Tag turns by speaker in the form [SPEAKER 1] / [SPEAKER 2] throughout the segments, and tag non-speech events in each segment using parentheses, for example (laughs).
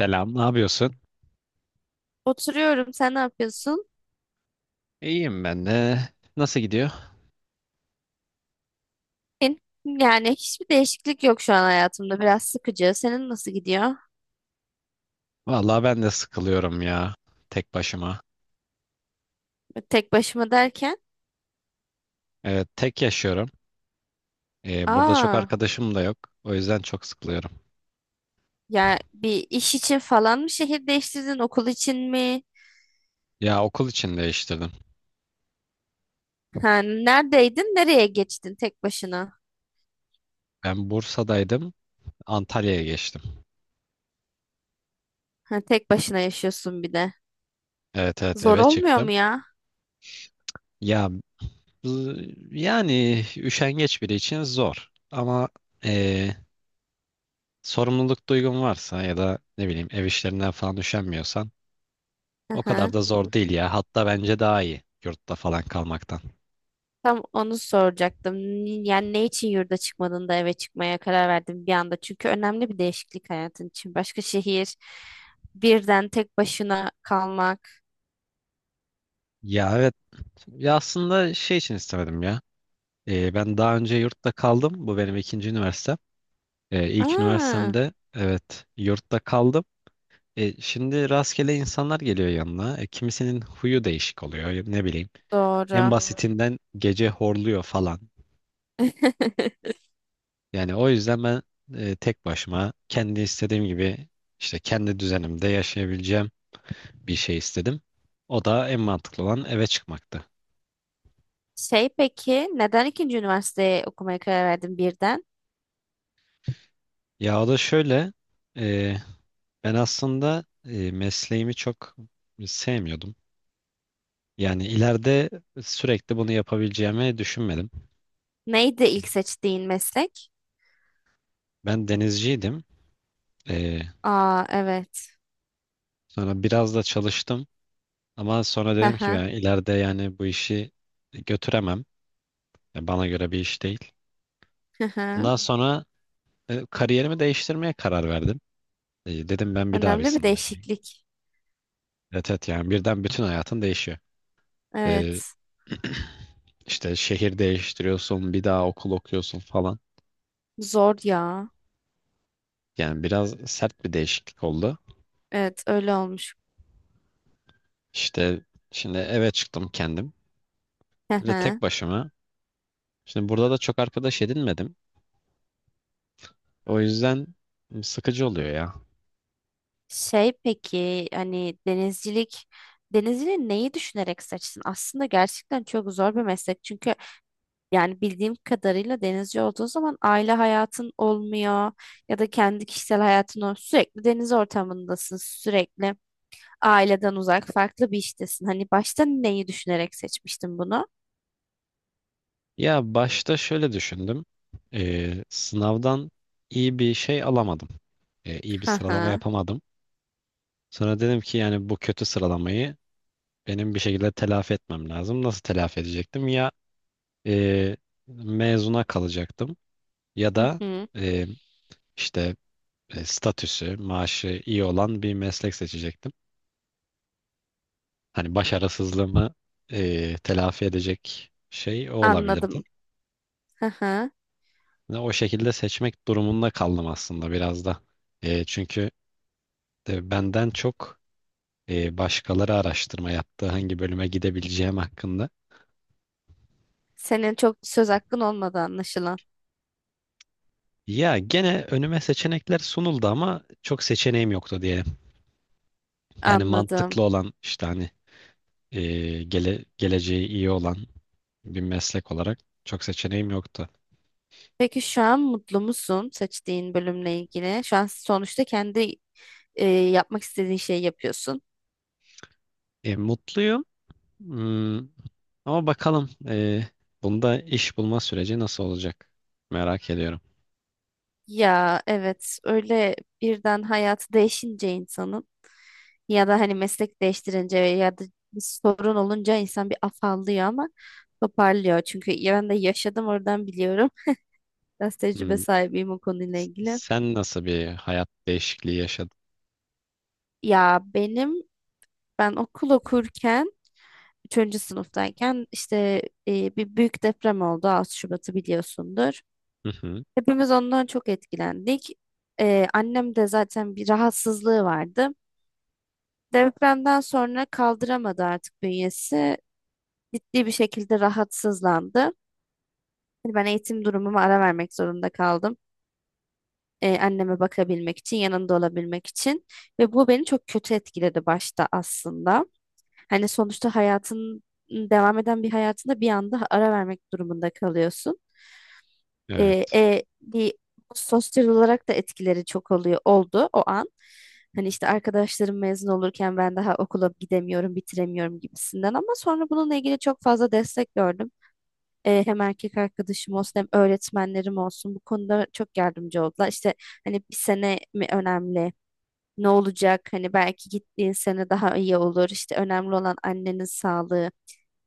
[SPEAKER 1] Selam, ne yapıyorsun?
[SPEAKER 2] Oturuyorum. Sen ne yapıyorsun?
[SPEAKER 1] İyiyim ben de. Nasıl gidiyor?
[SPEAKER 2] En- Yani hiçbir değişiklik yok şu an hayatımda. Biraz sıkıcı. Senin nasıl gidiyor?
[SPEAKER 1] Vallahi ben de sıkılıyorum ya. Tek başıma.
[SPEAKER 2] Tek başıma derken.
[SPEAKER 1] Evet, tek yaşıyorum. Burada çok
[SPEAKER 2] Aa,
[SPEAKER 1] arkadaşım da yok. O yüzden çok sıkılıyorum.
[SPEAKER 2] ya bir iş için falan mı şehir değiştirdin? Okul için mi?
[SPEAKER 1] Ya okul için değiştirdim.
[SPEAKER 2] Ha, neredeydin? Nereye geçtin tek başına?
[SPEAKER 1] Ben Bursa'daydım. Antalya'ya geçtim.
[SPEAKER 2] Ha, tek başına yaşıyorsun bir de.
[SPEAKER 1] Evet, evet,
[SPEAKER 2] Zor
[SPEAKER 1] eve
[SPEAKER 2] olmuyor mu
[SPEAKER 1] çıktım.
[SPEAKER 2] ya?
[SPEAKER 1] Ya bu- yani üşengeç biri için zor. Ama ee, sorumluluk duygun varsa ya da ne bileyim ev işlerinden falan üşenmiyorsan
[SPEAKER 2] Hı
[SPEAKER 1] o kadar
[SPEAKER 2] hı.
[SPEAKER 1] da zor değil ya. Hatta bence daha iyi yurtta falan kalmaktan.
[SPEAKER 2] Tam onu soracaktım. Yani ne için yurda çıkmadın da eve çıkmaya karar verdin bir anda? Çünkü önemli bir değişiklik hayatın için. Başka şehir, birden tek başına kalmak.
[SPEAKER 1] Ya evet. Ya aslında şey için istemedim ya. Ben daha önce yurtta kaldım. Bu benim ikinci üniversitem. İlk
[SPEAKER 2] Aa,
[SPEAKER 1] üniversitemde evet yurtta kaldım. Şimdi rastgele insanlar geliyor yanına. Kimisinin huyu değişik oluyor. Ya ne bileyim. En
[SPEAKER 2] doğru.
[SPEAKER 1] basitinden gece horluyor falan.
[SPEAKER 2] (laughs)
[SPEAKER 1] Yani o yüzden ben tek başıma kendi istediğim gibi işte kendi düzenimde yaşayabileceğim bir şey istedim. O da en mantıklı olan eve çıkmaktı.
[SPEAKER 2] Şey peki, neden ikinci üniversiteye okumaya karar verdin birden?
[SPEAKER 1] Ya o da şöyle. Ben aslında mesleğimi çok sevmiyordum. Yani ileride sürekli bunu yapabileceğimi düşünmedim.
[SPEAKER 2] Neydi ilk seçtiğin meslek?
[SPEAKER 1] Ben denizciydim. E,
[SPEAKER 2] Aa, evet.
[SPEAKER 1] Sonra biraz da çalıştım. Ama sonra
[SPEAKER 2] Hı
[SPEAKER 1] dedim ki
[SPEAKER 2] hı,
[SPEAKER 1] ben ileride yani bu işi götüremem. Ya bana göre bir iş değil.
[SPEAKER 2] hı hı.
[SPEAKER 1] Ondan sonra kariyerimi değiştirmeye karar verdim. Dedim ben bir daha bir
[SPEAKER 2] Önemli bir
[SPEAKER 1] sınava gireyim.
[SPEAKER 2] değişiklik.
[SPEAKER 1] Evet, evet, yani birden bütün hayatın değişiyor. E,
[SPEAKER 2] Evet.
[SPEAKER 1] (clears throat) işte şehir değiştiriyorsun, bir daha okul okuyorsun falan.
[SPEAKER 2] Zor ya.
[SPEAKER 1] Yani biraz sert bir değişiklik oldu.
[SPEAKER 2] Evet, öyle olmuş.
[SPEAKER 1] İşte şimdi eve çıktım kendim.
[SPEAKER 2] Hı
[SPEAKER 1] Böyle
[SPEAKER 2] hı.
[SPEAKER 1] tek başıma. Şimdi burada da çok arkadaş edinmedim. O yüzden sıkıcı oluyor ya.
[SPEAKER 2] Şey peki hani denizciliği neyi düşünerek seçtin? Aslında gerçekten çok zor bir meslek. Çünkü yani bildiğim kadarıyla denizci olduğun zaman aile hayatın olmuyor ya da kendi kişisel hayatın olmuyor. Sürekli deniz ortamındasın, sürekli aileden uzak, farklı bir iştesin. Hani başta neyi düşünerek seçmiştin bunu?
[SPEAKER 1] Ya başta şöyle düşündüm. Sınavdan iyi bir şey alamadım. İyi bir
[SPEAKER 2] Hı
[SPEAKER 1] sıralama
[SPEAKER 2] hı.
[SPEAKER 1] yapamadım. Sonra dedim ki yani bu kötü sıralamayı benim bir şekilde telafi etmem lazım. Nasıl telafi edecektim? Ya e, mezuna kalacaktım ya
[SPEAKER 2] Hı
[SPEAKER 1] da
[SPEAKER 2] hı.
[SPEAKER 1] e, işte statüsü, maaşı iyi olan bir meslek seçecektim. Hani başarısızlığımı telafi edecek şey o olabilirdi.
[SPEAKER 2] Anladım. Hı hı.
[SPEAKER 1] Ve o şekilde seçmek durumunda kaldım aslında biraz da. Çünkü benden çok başkaları araştırma yaptı, hangi bölüme gidebileceğim hakkında.
[SPEAKER 2] Senin çok söz hakkın olmadı anlaşılan.
[SPEAKER 1] Ya gene önüme seçenekler sunuldu ama çok seçeneğim yoktu diyelim. Yani
[SPEAKER 2] Anladım.
[SPEAKER 1] mantıklı olan işte hani geleceği iyi olan bir meslek olarak çok seçeneğim yoktu.
[SPEAKER 2] Peki şu an mutlu musun seçtiğin bölümle ilgili? Şu an sonuçta kendi yapmak istediğin şeyi yapıyorsun.
[SPEAKER 1] Mutluyum. Hmm, ama bakalım bunda iş bulma süreci nasıl olacak? Merak ediyorum.
[SPEAKER 2] Ya evet öyle birden hayatı değişince insanın ya da hani meslek değiştirince ya da bir sorun olunca insan bir afallıyor ama toparlıyor. Çünkü ya ben de yaşadım oradan biliyorum. Biraz tecrübe
[SPEAKER 1] Hmm,
[SPEAKER 2] sahibiyim o konuyla ilgili.
[SPEAKER 1] sen nasıl bir hayat değişikliği yaşadın?
[SPEAKER 2] Ya benim ben okul okurken üçüncü sınıftayken işte bir büyük deprem oldu. 6 Şubat'ı biliyorsundur.
[SPEAKER 1] Hı hı,
[SPEAKER 2] Hepimiz ondan çok etkilendik. Annem de zaten bir rahatsızlığı vardı. Depremden sonra kaldıramadı artık bünyesi. Ciddi bir şekilde rahatsızlandı. Hani ben eğitim durumuma ara vermek zorunda kaldım. Anneme bakabilmek için, yanında olabilmek için. Ve bu beni çok kötü etkiledi başta aslında. Hani sonuçta hayatın devam eden bir hayatında bir anda ara vermek durumunda kalıyorsun. e,
[SPEAKER 1] evet.
[SPEAKER 2] e, bir sosyal olarak da etkileri çok oluyor oldu o an. Hani işte arkadaşlarım mezun olurken ben daha okula gidemiyorum, bitiremiyorum gibisinden ama sonra bununla ilgili çok fazla destek gördüm. E, hem erkek arkadaşım olsun hem öğretmenlerim olsun bu konuda çok yardımcı oldular. İşte hani bir sene mi önemli? Ne olacak? Hani belki gittiğin sene daha iyi olur. İşte önemli olan annenin sağlığı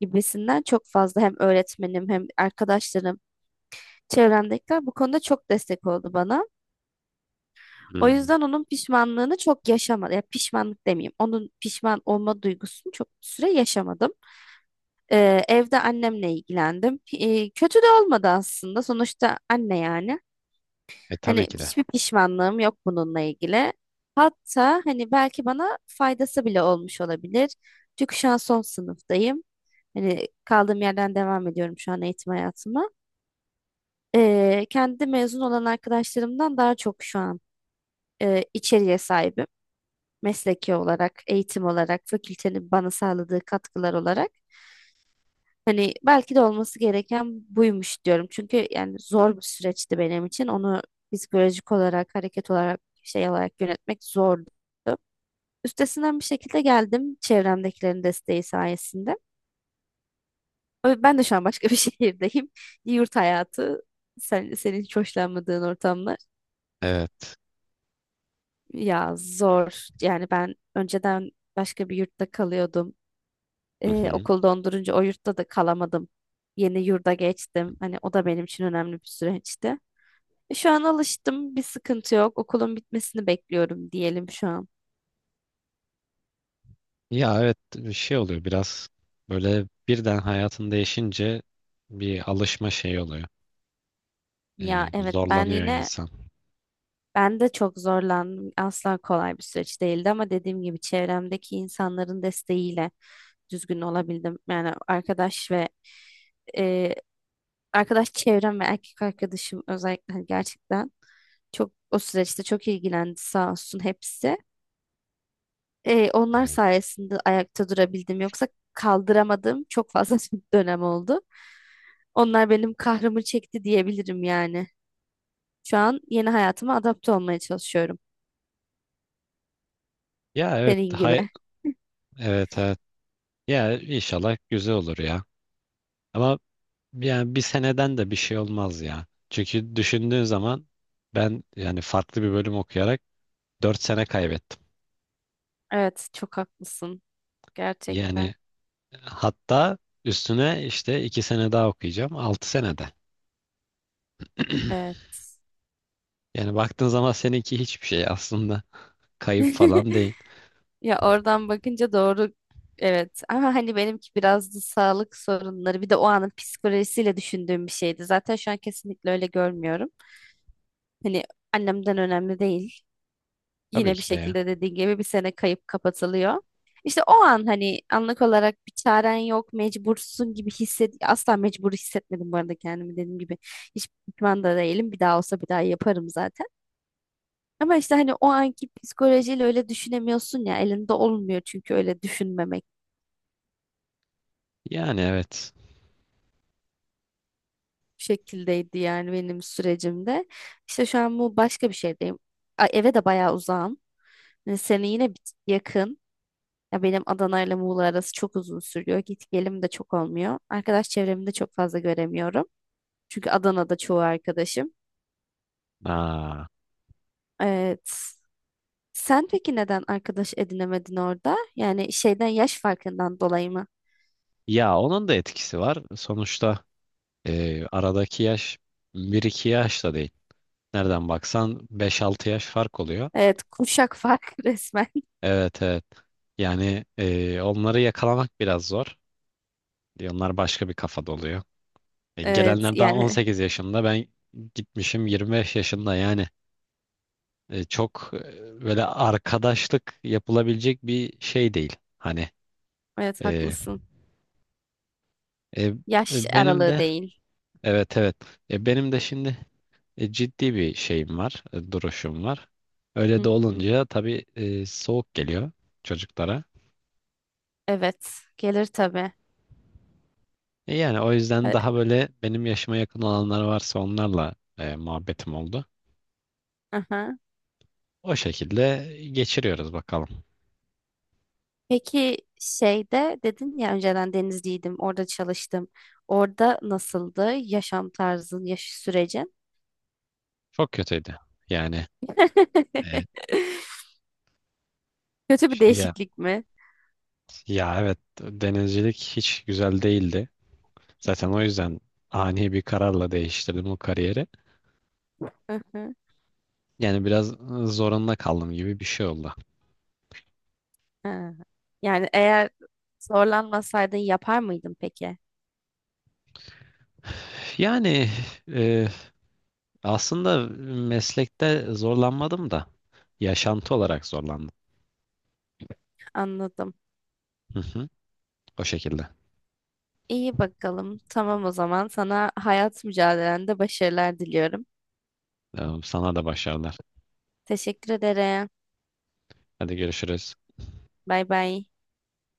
[SPEAKER 2] gibisinden çok fazla hem öğretmenim hem arkadaşlarım çevremdekiler bu konuda çok destek oldu bana. O
[SPEAKER 1] Hmm.
[SPEAKER 2] yüzden onun pişmanlığını çok yaşamadım. Ya pişmanlık demeyeyim. Onun pişman olma duygusunu çok süre yaşamadım. Evde annemle ilgilendim. Kötü de olmadı aslında. Sonuçta anne yani.
[SPEAKER 1] E tabii
[SPEAKER 2] Hani
[SPEAKER 1] ki de.
[SPEAKER 2] hiçbir pişmanlığım yok bununla ilgili. Hatta hani belki bana faydası bile olmuş olabilir. Çünkü şu an son sınıftayım. Hani kaldığım yerden devam ediyorum şu an eğitim hayatıma. Kendi mezun olan arkadaşlarımdan daha çok şu an içeriğe sahibim. Mesleki olarak, eğitim olarak, fakültenin bana sağladığı katkılar olarak. Hani belki de olması gereken buymuş diyorum. Çünkü yani zor bir süreçti benim için. Onu psikolojik olarak, hareket olarak, şey olarak yönetmek zordu. Üstesinden bir şekilde geldim çevremdekilerin desteği sayesinde. Ben de şu an başka bir (laughs) şehirdeyim. Yurt hayatı, senin hiç hoşlanmadığın ortamlar.
[SPEAKER 1] Evet.
[SPEAKER 2] Ya zor. Yani ben önceden başka bir yurtta kalıyordum.
[SPEAKER 1] Hı hı.
[SPEAKER 2] Okul dondurunca o yurtta da kalamadım. Yeni yurda geçtim. Hani o da benim için önemli bir süreçti. E, şu an alıştım. Bir sıkıntı yok. Okulun bitmesini bekliyorum diyelim şu an.
[SPEAKER 1] Ya evet, bir şey oluyor biraz böyle birden hayatın değişince bir alışma şeyi oluyor.
[SPEAKER 2] Ya evet ben
[SPEAKER 1] Zorlanıyor
[SPEAKER 2] yine
[SPEAKER 1] insan.
[SPEAKER 2] Ben de çok zorlandım. Asla kolay bir süreç değildi ama dediğim gibi çevremdeki insanların desteğiyle düzgün olabildim. Yani arkadaş ve e, arkadaş çevrem ve erkek arkadaşım özellikle hani gerçekten çok o süreçte çok ilgilendi sağ olsun hepsi. Onlar
[SPEAKER 1] Evet.
[SPEAKER 2] sayesinde ayakta durabildim. Yoksa kaldıramadığım çok fazla (laughs) dönem oldu. Onlar benim kahrımı çekti diyebilirim yani. Şu an yeni hayatıma adapte olmaya çalışıyorum.
[SPEAKER 1] Ya evet
[SPEAKER 2] Senin
[SPEAKER 1] hay
[SPEAKER 2] gibi.
[SPEAKER 1] evet, evet. Ya inşallah güzel olur ya. Ama yani bir seneden de bir şey olmaz ya. Çünkü düşündüğün zaman ben yani farklı bir bölüm okuyarak 4 sene kaybettim.
[SPEAKER 2] Evet, çok haklısın. Gerçekten.
[SPEAKER 1] Yani hatta üstüne işte 2 sene daha okuyacağım 6 senede. (clears throat)
[SPEAKER 2] Evet.
[SPEAKER 1] Yani baktığın zaman seninki hiçbir şey aslında kayıp falan değil.
[SPEAKER 2] (laughs) Ya oradan bakınca doğru evet, ama hani benimki biraz da sağlık sorunları bir de o anın psikolojisiyle düşündüğüm bir şeydi. Zaten şu an kesinlikle öyle görmüyorum. Hani annemden önemli değil.
[SPEAKER 1] Tabii
[SPEAKER 2] Yine bir
[SPEAKER 1] ki de ya.
[SPEAKER 2] şekilde dediğin gibi bir sene kayıp kapatılıyor. İşte o an hani anlık olarak bir çaren yok, mecbursun gibi hisset, asla mecbur hissetmedim bu arada kendimi dediğim gibi. Hiç pişman da değilim. Bir daha olsa bir daha yaparım zaten. Ama işte hani o anki psikolojiyle öyle düşünemiyorsun ya elinde olmuyor çünkü öyle düşünmemek
[SPEAKER 1] Yani evet.
[SPEAKER 2] şekildeydi yani benim sürecimde. İşte şu an bu başka bir şeydeyim. Eve de bayağı uzağım. Yani seni yine tık yakın. Ya benim Adana ile Muğla arası çok uzun sürüyor. Git gelim de çok olmuyor. Arkadaş çevremi de çok fazla göremiyorum. Çünkü Adana'da çoğu arkadaşım.
[SPEAKER 1] Aa.
[SPEAKER 2] Evet. Sen peki neden arkadaş edinemedin orada? Yani şeyden yaş farkından dolayı mı?
[SPEAKER 1] Ya onun da etkisi var. Sonuçta aradaki yaş bir iki yaş da değil. Nereden baksan beş altı yaş fark oluyor.
[SPEAKER 2] Evet, kuşak farkı (laughs) resmen.
[SPEAKER 1] Evet, evet. Yani onları yakalamak biraz zor. Onlar başka bir kafada oluyor.
[SPEAKER 2] Evet
[SPEAKER 1] Gelenler daha
[SPEAKER 2] yani
[SPEAKER 1] 18 yaşında, ben gitmişim 25 yaşında, yani böyle arkadaşlık yapılabilecek bir şey değil. Hani
[SPEAKER 2] evet,
[SPEAKER 1] e,
[SPEAKER 2] haklısın.
[SPEAKER 1] e,
[SPEAKER 2] Yaş
[SPEAKER 1] benim
[SPEAKER 2] aralığı
[SPEAKER 1] de
[SPEAKER 2] değil.
[SPEAKER 1] evet, evet, benim de şimdi ciddi bir şeyim var, duruşum var. Öyle
[SPEAKER 2] Hı
[SPEAKER 1] de
[SPEAKER 2] hı.
[SPEAKER 1] olunca tabii soğuk geliyor çocuklara.
[SPEAKER 2] Evet, gelir tabii.
[SPEAKER 1] E yani o yüzden
[SPEAKER 2] E,
[SPEAKER 1] daha böyle benim yaşıma yakın olanlar varsa onlarla muhabbetim oldu.
[SPEAKER 2] Aha.
[SPEAKER 1] O şekilde geçiriyoruz bakalım.
[SPEAKER 2] Peki şeyde dedin ya önceden Denizli'ydim orada çalıştım. Orada nasıldı yaşam tarzın, yaş sürecin?
[SPEAKER 1] Çok kötüydü. Yani e,
[SPEAKER 2] (laughs) Kötü bir
[SPEAKER 1] ya,
[SPEAKER 2] değişiklik mi?
[SPEAKER 1] ya evet, denizcilik hiç güzel değildi. Zaten o yüzden ani bir kararla değiştirdim o kariyeri.
[SPEAKER 2] Hı hı.
[SPEAKER 1] Yani biraz zorunda kaldım gibi bir şey oldu.
[SPEAKER 2] Ha. Yani eğer zorlanmasaydın yapar mıydın peki?
[SPEAKER 1] Yani e, aslında meslekte zorlanmadım da yaşantı olarak zorlandım.
[SPEAKER 2] Anladım.
[SPEAKER 1] Hı hı, o şekilde.
[SPEAKER 2] İyi bakalım. Tamam o zaman sana hayat mücadelende başarılar diliyorum.
[SPEAKER 1] Sana da başarılar.
[SPEAKER 2] Teşekkür ederim.
[SPEAKER 1] Hadi görüşürüz.
[SPEAKER 2] Bay bay.